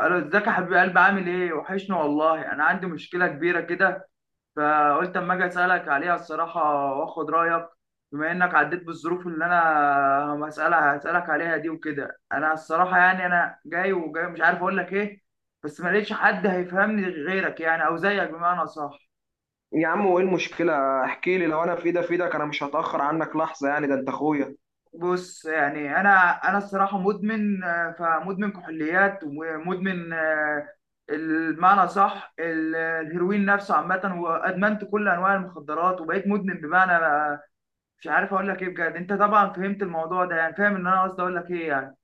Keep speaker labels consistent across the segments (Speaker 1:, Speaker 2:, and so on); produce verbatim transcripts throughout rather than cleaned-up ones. Speaker 1: الو، ازيك يا حبيب قلبي؟ عامل ايه؟ وحشني والله. انا عندي مشكله كبيره كده، فقلت اما اجي اسالك عليها الصراحه واخد رايك، بما انك عديت بالظروف اللي انا هسالها هسالك عليها دي وكده. انا الصراحه يعني انا جاي، وجاي مش عارف اقول لك ايه، بس ما لقيتش حد هيفهمني غيرك، يعني او زيك بمعنى صح.
Speaker 2: يا عم وايه المشكلة؟ احكي لي، لو انا في ايدي في ايدك انا مش هتأخر عنك لحظة يعني، ده انت اخويا.
Speaker 1: بص يعني انا انا الصراحه مدمن، آه، فمدمن كحوليات ومدمن، آه، المعنى صح، ال- الهيروين نفسه عامه، وادمنت كل انواع المخدرات وبقيت مدمن بمعنى، آه، مش عارف اقول لك ايه بجد. انت طبعا فهمت الموضوع ده، يعني فاهم ان انا قصدي اقول لك ايه يعني.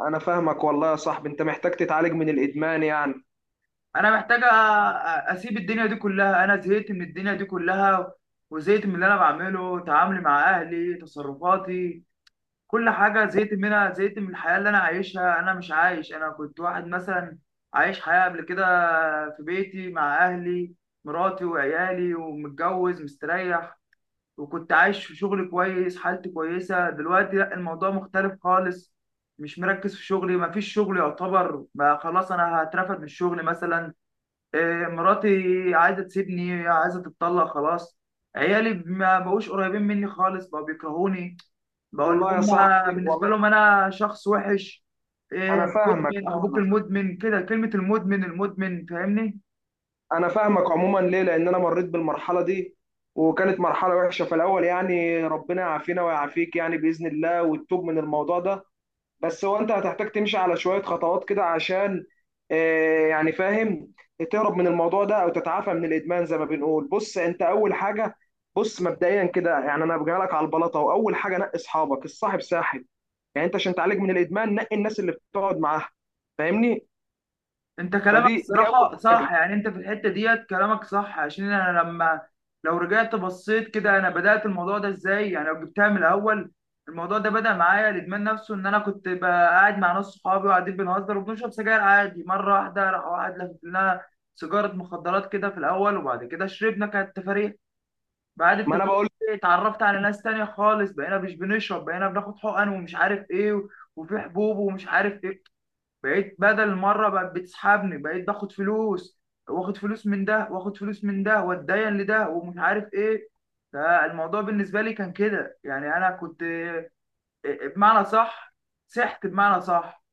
Speaker 2: انا فاهمك والله يا صاحبي، انت محتاج تتعالج من الادمان يعني.
Speaker 1: انا محتاج أ- أ- اسيب الدنيا دي كلها، انا زهقت من الدنيا دي كلها، وزهقت من اللي انا بعمله، تعاملي مع اهلي، تصرفاتي، كل حاجة زهقت منها، زهقت من الحياة اللي أنا عايشها. أنا مش عايش. أنا كنت واحد مثلا عايش حياة قبل كده في بيتي مع أهلي، مراتي وعيالي، ومتجوز مستريح، وكنت عايش في شغل كويس، حالتي كويسة. دلوقتي لأ، الموضوع مختلف خالص، مش مركز في شغلي، مفيش شغل يعتبر، بقى خلاص أنا هترفد من الشغل مثلا. إيه، مراتي عايزة تسيبني، عايزة تتطلق خلاص. عيالي ما بقوش قريبين مني خالص، بقوا بيكرهوني، بقول
Speaker 2: والله يا
Speaker 1: لهم،
Speaker 2: صاحبي
Speaker 1: بالنسبه
Speaker 2: والله.
Speaker 1: لهم انا شخص وحش.
Speaker 2: انا
Speaker 1: إيه،
Speaker 2: فاهمك
Speaker 1: مدمن اخبوك
Speaker 2: فاهمك
Speaker 1: المدمن، كده كلمه المدمن المدمن فاهمني.
Speaker 2: انا فاهمك عموما، ليه؟ لان انا مريت بالمرحلة دي، وكانت مرحلة وحشة في الاول يعني، ربنا يعافينا ويعافيك يعني بإذن الله، والتوب من الموضوع ده. بس هو انت هتحتاج تمشي على شوية خطوات كده عشان آه، يعني فاهم، تهرب من الموضوع ده او تتعافى من الادمان زي ما بنقول. بص، انت اول حاجة، بص مبدئيا كده يعني انا بجي لك على البلاطة، واول حاجة نقي اصحابك، الصاحب ساحب يعني. انت عشان تعالج من الادمان نقي الناس اللي بتقعد معاها، فاهمني؟
Speaker 1: انت كلامك
Speaker 2: فدي دي اول
Speaker 1: الصراحه
Speaker 2: حاجة.
Speaker 1: صح، يعني انت في الحته ديت كلامك صح، عشان انا لما لو رجعت بصيت كده، انا بدات الموضوع ده ازاي يعني؟ لو جبتها من الاول، الموضوع ده بدا معايا، الادمان نفسه، ان انا كنت بقى قاعد مع ناس صحابي، وقاعدين بنهزر وبنشرب سجاير عادي، مره واحده راح واحد لفت لنا سيجاره مخدرات كده في الاول، وبعد كده شربنا، كانت تفاريح بعد
Speaker 2: ما انا
Speaker 1: التدريب.
Speaker 2: بقول،
Speaker 1: اتعرفت على ناس تانية خالص، بقينا مش بنشرب، بقينا بناخد حقن ومش عارف ايه، و- وفي حبوب ومش عارف ايه. بقيت بدل مرة بقت بتسحبني، بقيت باخد فلوس، واخد فلوس من ده، واخد فلوس من ده، واتدين لده، ومش عارف ايه. فالموضوع بالنسبة لي كان كده يعني، انا كنت بمعنى صح سحت بمعنى صح.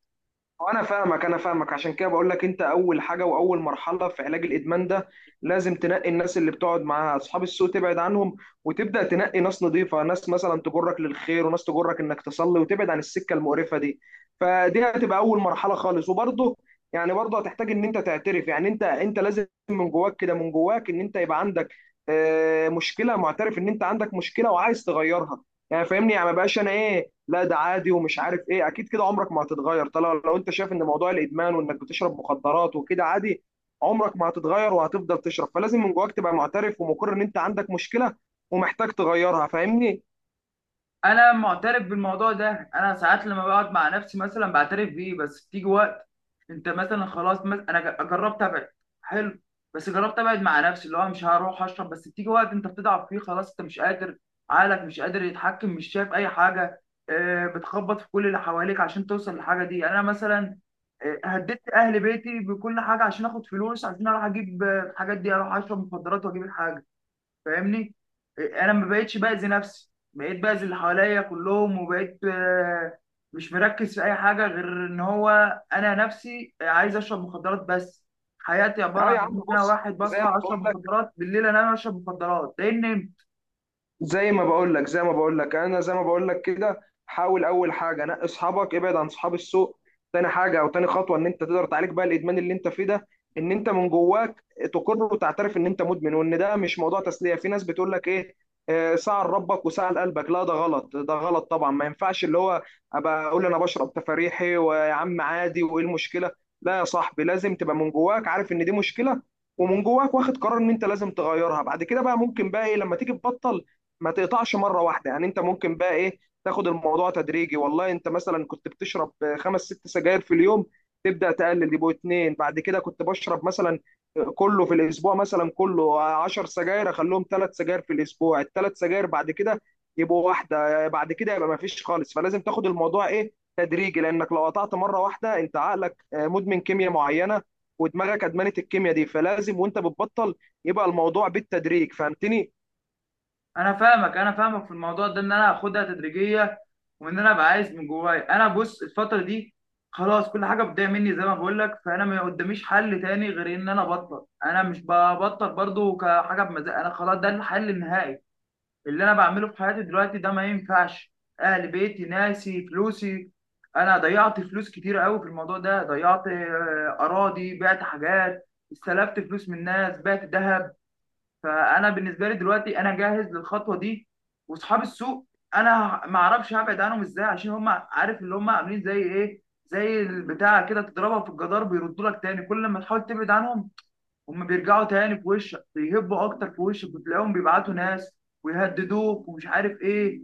Speaker 2: وانا فاهمك انا فاهمك عشان كده بقول لك، انت اول حاجه واول مرحله في علاج الادمان ده، لازم تنقي الناس اللي بتقعد معاها، اصحاب السوء تبعد عنهم، وتبدا تنقي ناس نظيفه، ناس مثلا تجرك للخير وناس تجرك انك تصلي وتبعد عن السكه المقرفه دي. فدي هتبقى اول مرحله خالص. وبرضه يعني برضه هتحتاج ان انت تعترف، يعني انت انت لازم من جواك كده، من جواك ان انت يبقى عندك آه، مشكله، معترف ان انت عندك مشكله وعايز تغيرها، يعني فاهمني؟ يعني ما بقاش انا ايه، لا ده عادي ومش عارف ايه، اكيد كده عمرك ما هتتغير. طالما لو انت شايف ان موضوع الادمان وانك بتشرب مخدرات وكده عادي، عمرك ما هتتغير وهتفضل تشرب. فلازم من جواك تبقى معترف ومقر ان انت عندك مشكلة ومحتاج تغيرها، فاهمني؟
Speaker 1: انا معترف بالموضوع ده، انا ساعات لما بقعد مع نفسي مثلا بعترف بيه، بس بتيجي وقت انت مثلا خلاص، مثلا انا ج- جربت ابعد. حلو. بس جربت ابعد مع نفسي، اللي هو مش هروح اشرب، بس بتيجي وقت انت بتضعف فيه خلاص، انت مش قادر، عقلك مش قادر يتحكم، مش شايف اي حاجه، آه، بتخبط في كل اللي حواليك عشان توصل للحاجه دي. انا مثلا، آه، هددت اهل بيتي بكل حاجه عشان اخد فلوس، عشان اروح اجيب، آه، الحاجات دي، اروح اشرب مخدرات واجيب الحاجه، فاهمني. انا ما بقتش باذي نفسي، بقيت باذي اللي حواليا كلهم، وبقيت، آه، مش مركز في اي حاجه غير ان هو انا نفسي عايز اشرب مخدرات بس. حياتي عباره
Speaker 2: اه
Speaker 1: عن
Speaker 2: يا عم،
Speaker 1: ان انا
Speaker 2: بص،
Speaker 1: واحد
Speaker 2: زي ما
Speaker 1: بصحى
Speaker 2: بقول
Speaker 1: اشرب
Speaker 2: لك
Speaker 1: مخدرات، بالليل انام اشرب مخدرات، لان
Speaker 2: زي ما بقول لك زي ما بقول لك انا زي ما بقول لك كده، حاول اول حاجه نقي اصحابك، ابعد عن اصحاب السوء. تاني حاجه او تاني خطوه ان انت تقدر تعالج بقى الادمان اللي انت فيه ده، ان انت من جواك تقر وتعترف ان انت مدمن، وان ده مش موضوع تسليه. في ناس بتقول لك ايه، آه، ساعة لربك وساعة لقلبك. لا، ده غلط، ده غلط طبعا، ما ينفعش اللي هو ابقى اقول انا بشرب تفاريحي ويا عم عادي وايه المشكله. لا يا صاحبي، لازم تبقى من جواك عارف ان دي مشكله، ومن جواك واخد قرار ان انت لازم تغيرها. بعد كده بقى ممكن بقى ايه لما تيجي تبطل، ما تقطعش مره واحده يعني، انت ممكن بقى ايه تاخد الموضوع تدريجي. والله انت مثلا كنت بتشرب خمس ست سجاير في اليوم، تبدا تقلل يبقوا اتنين. بعد كده كنت بشرب مثلا كله في الاسبوع مثلا كله عشر سجاير، اخليهم ثلاث سجاير في الاسبوع، التلات سجاير بعد كده يبقوا واحده، بعد كده يبقى ما فيش خالص. فلازم تاخد الموضوع ايه تدريجي، لانك لو قطعت مره واحده انت عقلك مدمن كيمياء معينه، ودماغك ادمنت الكيمياء دي، فلازم وانت بتبطل يبقى الموضوع بالتدريج، فهمتني؟
Speaker 1: انا فاهمك. انا فاهمك في الموضوع ده، ان انا اخدها تدريجيه، وان انا ابقى عايز من جوايا. انا بص الفتره دي خلاص، كل حاجه بتضيع مني زي ما بقول لك، فانا ما قداميش حل تاني غير ان انا ابطل. انا مش ببطل برضو كحاجه بمزاج، انا خلاص ده الحل النهائي. اللي انا بعمله في حياتي دلوقتي ده ما ينفعش، اهل بيتي ناسي فلوسي، انا ضيعت فلوس كتير قوي في الموضوع ده، ضيعت، آه، اراضي، بعت حاجات، استلفت فلوس من ناس، بعت ذهب. فانا بالنسبه لي دلوقتي انا جاهز للخطوه دي. واصحاب السوق، انا ما اعرفش هبعد عنهم ازاي، عشان هم عارف اللي هم عاملين زي ايه؟ زي البتاع كده، تضربها في الجدار بيردوا لك تاني، كل ما تحاول تبعد عنهم هم بيرجعوا تاني في وشك، بيهبوا اكتر في وشك، وتلاقيهم بيبعتوا ناس ويهددوك ومش عارف ايه.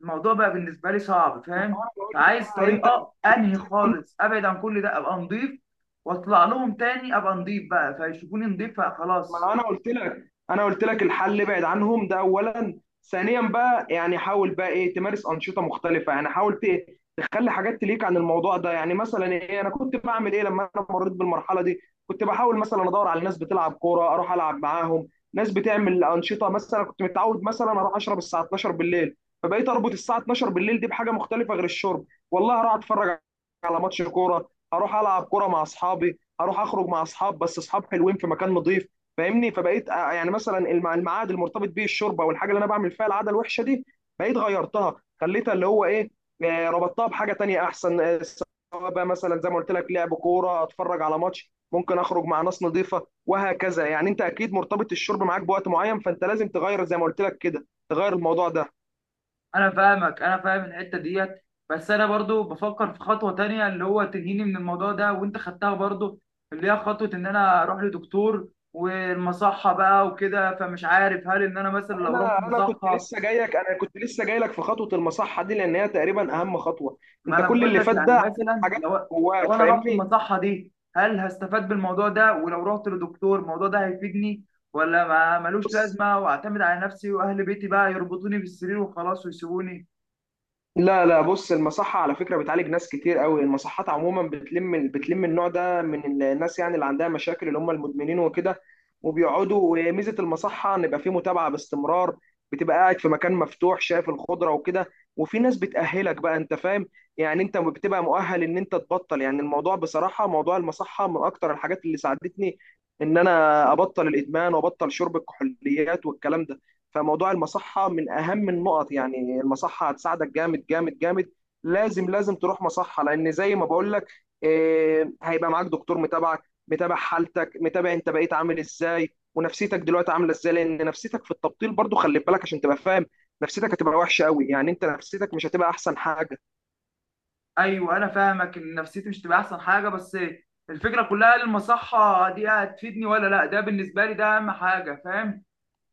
Speaker 1: الموضوع بقى بالنسبه لي صعب،
Speaker 2: ما
Speaker 1: فاهم؟
Speaker 2: انا بقول لك
Speaker 1: فعايز
Speaker 2: بقى انت، زي ما
Speaker 1: طريقه انهي
Speaker 2: قلت-
Speaker 1: خالص، ابعد عن كل ده، ابقى نضيف، واطلع لهم تاني ابقى نضيف بقى، فيشوفوني نضيف فخلاص.
Speaker 2: ما انا قلت لك، انا قلت لك الحل ابعد عنهم، ده اولا. ثانيا بقى يعني حاول بقى ايه تمارس انشطه مختلفه، يعني حاول ت- تخلي حاجات تليك عن الموضوع ده. يعني مثلا ايه، انا كنت بعمل ايه لما انا مريت بالمرحله دي، كنت بحاول مثلا ادور على ناس بتلعب كوره اروح العب معاهم، ناس بتعمل انشطه. مثلا كنت متعود مثلا اروح اشرب الساعه اتناشر بالليل، فبقيت اربط الساعه اتناشر بالليل دي بحاجه مختلفه غير الشرب. والله اروح اتفرج على ماتش كوره، هروح العب كوره مع اصحابي، هروح اخرج مع اصحاب بس اصحاب حلوين في مكان نظيف، فاهمني؟ فبقيت آه، يعني مثلا المع- الميعاد المرتبط بيه الشرب او الحاجه اللي انا بعمل فيها العاده الوحشه دي، بقيت غيرتها، خليتها اللي هو ايه، آه، ربطتها بحاجه تانية احسن. آه، سواء بقى مثلا زي ما قلت لك لعب كوره، اتفرج على ماتش، ممكن اخرج مع ناس نظيفه، وهكذا. يعني انت اكيد مرتبط الشرب معاك بوقت معين، فانت لازم تغير زي ما قلت لك كده، تغير الموضوع ده.
Speaker 1: انا فاهمك، انا فاهم الحته ديت، بس انا برضو بفكر في خطوه تانية اللي هو تنهيني من الموضوع ده، وانت خدتها برضو، اللي هي خطوه ان انا اروح لدكتور والمصحه بقى وكده، فمش عارف هل ان انا مثلا لو رحت
Speaker 2: انا انا كنت
Speaker 1: مصحه،
Speaker 2: لسه جايك، انا كنت لسه جايلك في خطوه المصحه دي، لان هي تقريبا اهم خطوه.
Speaker 1: ما
Speaker 2: انت
Speaker 1: انا
Speaker 2: كل
Speaker 1: بقول
Speaker 2: اللي
Speaker 1: لك،
Speaker 2: فات
Speaker 1: يعني
Speaker 2: ده
Speaker 1: مثلا
Speaker 2: حاجات
Speaker 1: لو
Speaker 2: جواك،
Speaker 1: لو انا رحت
Speaker 2: فاهمني؟
Speaker 1: المصحه دي، هل هستفاد بالموضوع ده؟ ولو رحت لدكتور الموضوع ده هيفيدني؟ ولا ما ملوش
Speaker 2: بص،
Speaker 1: لازمه واعتمد على نفسي واهل بيتي بقى يربطوني بالسرير وخلاص ويسيبوني؟
Speaker 2: لا لا، بص المصحة على فكرة بتعالج ناس كتير قوي. المصحات عموما بتلم بتلم النوع ده من الناس، يعني اللي عندها مشاكل اللي هم المدمنين وكده، وبيقعدوا. وميزة المصحة ان يبقى في متابعة باستمرار، بتبقى قاعد في مكان مفتوح شايف الخضرة وكده، وفي ناس بتأهلك بقى، انت فاهم؟ يعني انت بتبقى مؤهل ان انت تبطل. يعني الموضوع بصراحة، موضوع المصحة من اكتر الحاجات اللي ساعدتني ان انا ابطل الادمان وابطل شرب الكحوليات والكلام ده. فموضوع المصحه من اهم النقط يعني، المصحه هتساعدك جامد جامد جامد، لازم لازم تروح مصحه. لان زي ما بقول لك، آه، هيبقى معاك دكتور متابعك، متابع حالتك، متابع انت بقيت عامل ازاي ونفسيتك دلوقتي عامله ازاي. لان نفسيتك في التبطيل برضو خلي بالك عشان تبقى فاهم، نفسيتك هتبقى وحشه قوي، يعني انت نفسيتك مش هتبقى احسن حاجه.
Speaker 1: ايوه، انا فاهمك ان نفسيتي مش تبقى احسن حاجه، بس الفكره كلها هل المصحه دي هتفيدني ولا لا؟ ده بالنسبه لي ده اهم حاجه، فاهم؟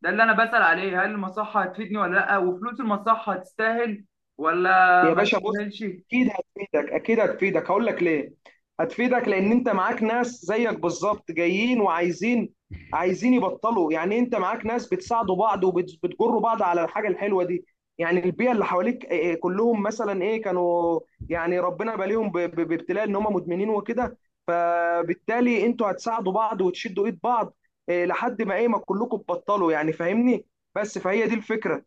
Speaker 1: ده اللي انا بسأل عليه، هل المصحه هتفيدني ولا لا؟ وفلوس المصحه تستاهل ولا
Speaker 2: يا
Speaker 1: ما
Speaker 2: باشا بص،
Speaker 1: تستاهلش؟
Speaker 2: اكيد هتفيدك اكيد هتفيدك، هقول لك ليه. هتفيدك لان انت معاك ناس زيك بالظبط جايين وعايزين عايزين يبطلوا، يعني انت معاك ناس بتساعدوا بعض وبتجروا بعض على الحاجه الحلوه دي. يعني البيئه اللي حواليك إيه، كلهم مثلا ايه كانوا يعني ربنا باليهم ب- ب- بابتلاء ان هم مدمنين وكده، فبالتالي انتوا هتساعدوا بعض وتشدوا ايد بعض، إيه، لحد ما ايه ما كلكم تبطلوا يعني، فاهمني؟ بس فهي دي الفكره.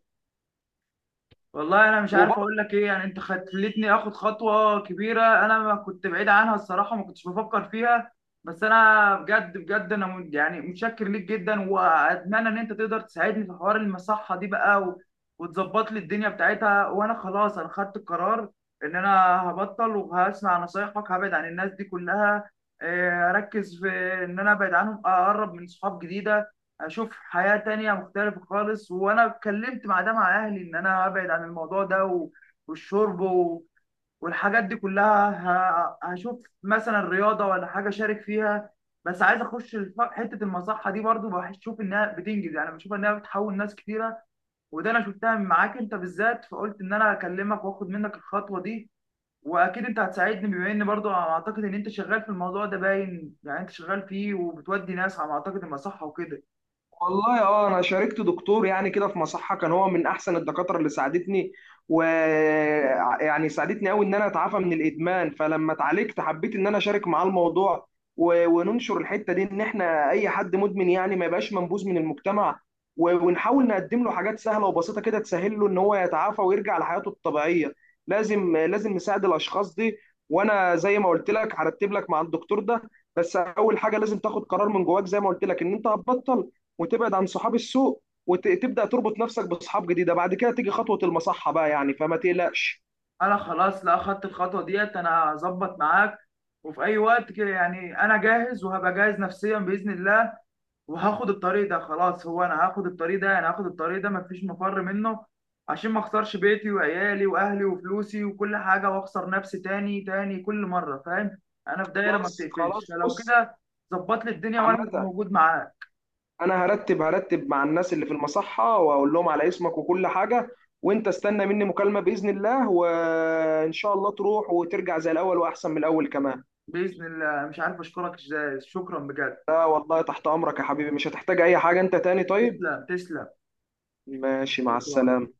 Speaker 1: والله انا مش عارف اقول لك ايه، يعني انت خلتني اخد خطوه كبيره انا ما كنت بعيد عنها الصراحه، ما كنتش بفكر فيها، بس انا بجد بجد انا م- يعني متشكر ليك جدا، واتمنى ان انت تقدر تساعدني في حوار المصحه دي بقى و- وتظبط لي الدنيا بتاعتها. وانا خلاص انا خدت القرار ان انا هبطل، وهسمع نصايحك، هبعد عن الناس دي كلها، آه، اركز في ان انا ابعد عنهم، اقرب من صحاب جديده، اشوف حياة تانية مختلفة خالص. وانا اتكلمت مع ده مع اهلي ان انا ابعد عن الموضوع ده و- والشرب و- والحاجات دي كلها. ه- هشوف مثلا رياضة ولا حاجة شارك فيها، بس عايز اخش الف- حتة المصحة دي برضو، بشوف انها بتنجز، يعني بشوف انها بتحول ناس كتيرة، وده انا شفتها معاك انت بالذات، فقلت ان انا اكلمك واخد منك الخطوة دي. واكيد انت هتساعدني، بما ان برضو اعتقد ان انت شغال في الموضوع ده، باين يعني انت شغال فيه وبتودي ناس على ما اعتقد المصحة وكده.
Speaker 2: والله اه، انا شاركت دكتور يعني كده في مصحه، كان هو من احسن الدكاتره اللي ساعدتني، ويعني ساعدتني قوي ان انا اتعافى من الادمان. فلما اتعالجت حبيت ان انا اشارك معاه الموضوع، و- وننشر الحته دي، ان احنا اي حد مدمن يعني ما يبقاش منبوذ من المجتمع، و- ونحاول نقدم له حاجات سهله وبسيطه كده تسهل له ان هو يتعافى ويرجع لحياته الطبيعيه. لازم لازم نساعد الاشخاص دي. وانا زي ما قلت لك هرتب لك مع الدكتور ده، بس اول حاجه لازم تاخد قرار من جواك زي ما قلت لك ان انت هتبطل، وتبعد عن صحاب السوق، وتبدا تربط نفسك باصحاب جديده. بعد كده تيجي خطوه المصحه بقى يعني، فما تقلقش.
Speaker 1: انا خلاص، لا اخدت الخطوه ديت، انا هظبط معاك، وفي اي وقت كده يعني انا جاهز، وهبقى جاهز نفسيا باذن الله، وهاخد الطريق ده خلاص. هو انا هاخد الطريق ده، انا هاخد الطريق ده، مفيش مفر منه، عشان ما اخسرش بيتي وعيالي واهلي وفلوسي وكل حاجه، واخسر نفسي تاني تاني كل مره، فاهم؟ انا في دايره ما
Speaker 2: خلاص
Speaker 1: بتقفلش.
Speaker 2: خلاص
Speaker 1: فلو
Speaker 2: بص،
Speaker 1: كده ظبط لي الدنيا وانا هبقى
Speaker 2: عامة
Speaker 1: موجود معاك.
Speaker 2: انا هرتب هرتب مع الناس اللي في المصحة واقول لهم على اسمك وكل حاجة، وانت استنى مني مكالمة بإذن الله، وان شاء الله تروح وترجع زي الاول واحسن من الاول كمان.
Speaker 1: باذن الله، مش عارف اشكرك ازاي، شكرا بجد.
Speaker 2: لا والله، تحت امرك يا حبيبي، مش هتحتاج اي حاجة انت تاني، طيب؟
Speaker 1: تسلم، تسلم.
Speaker 2: ماشي، مع
Speaker 1: شكرا.
Speaker 2: السلامة.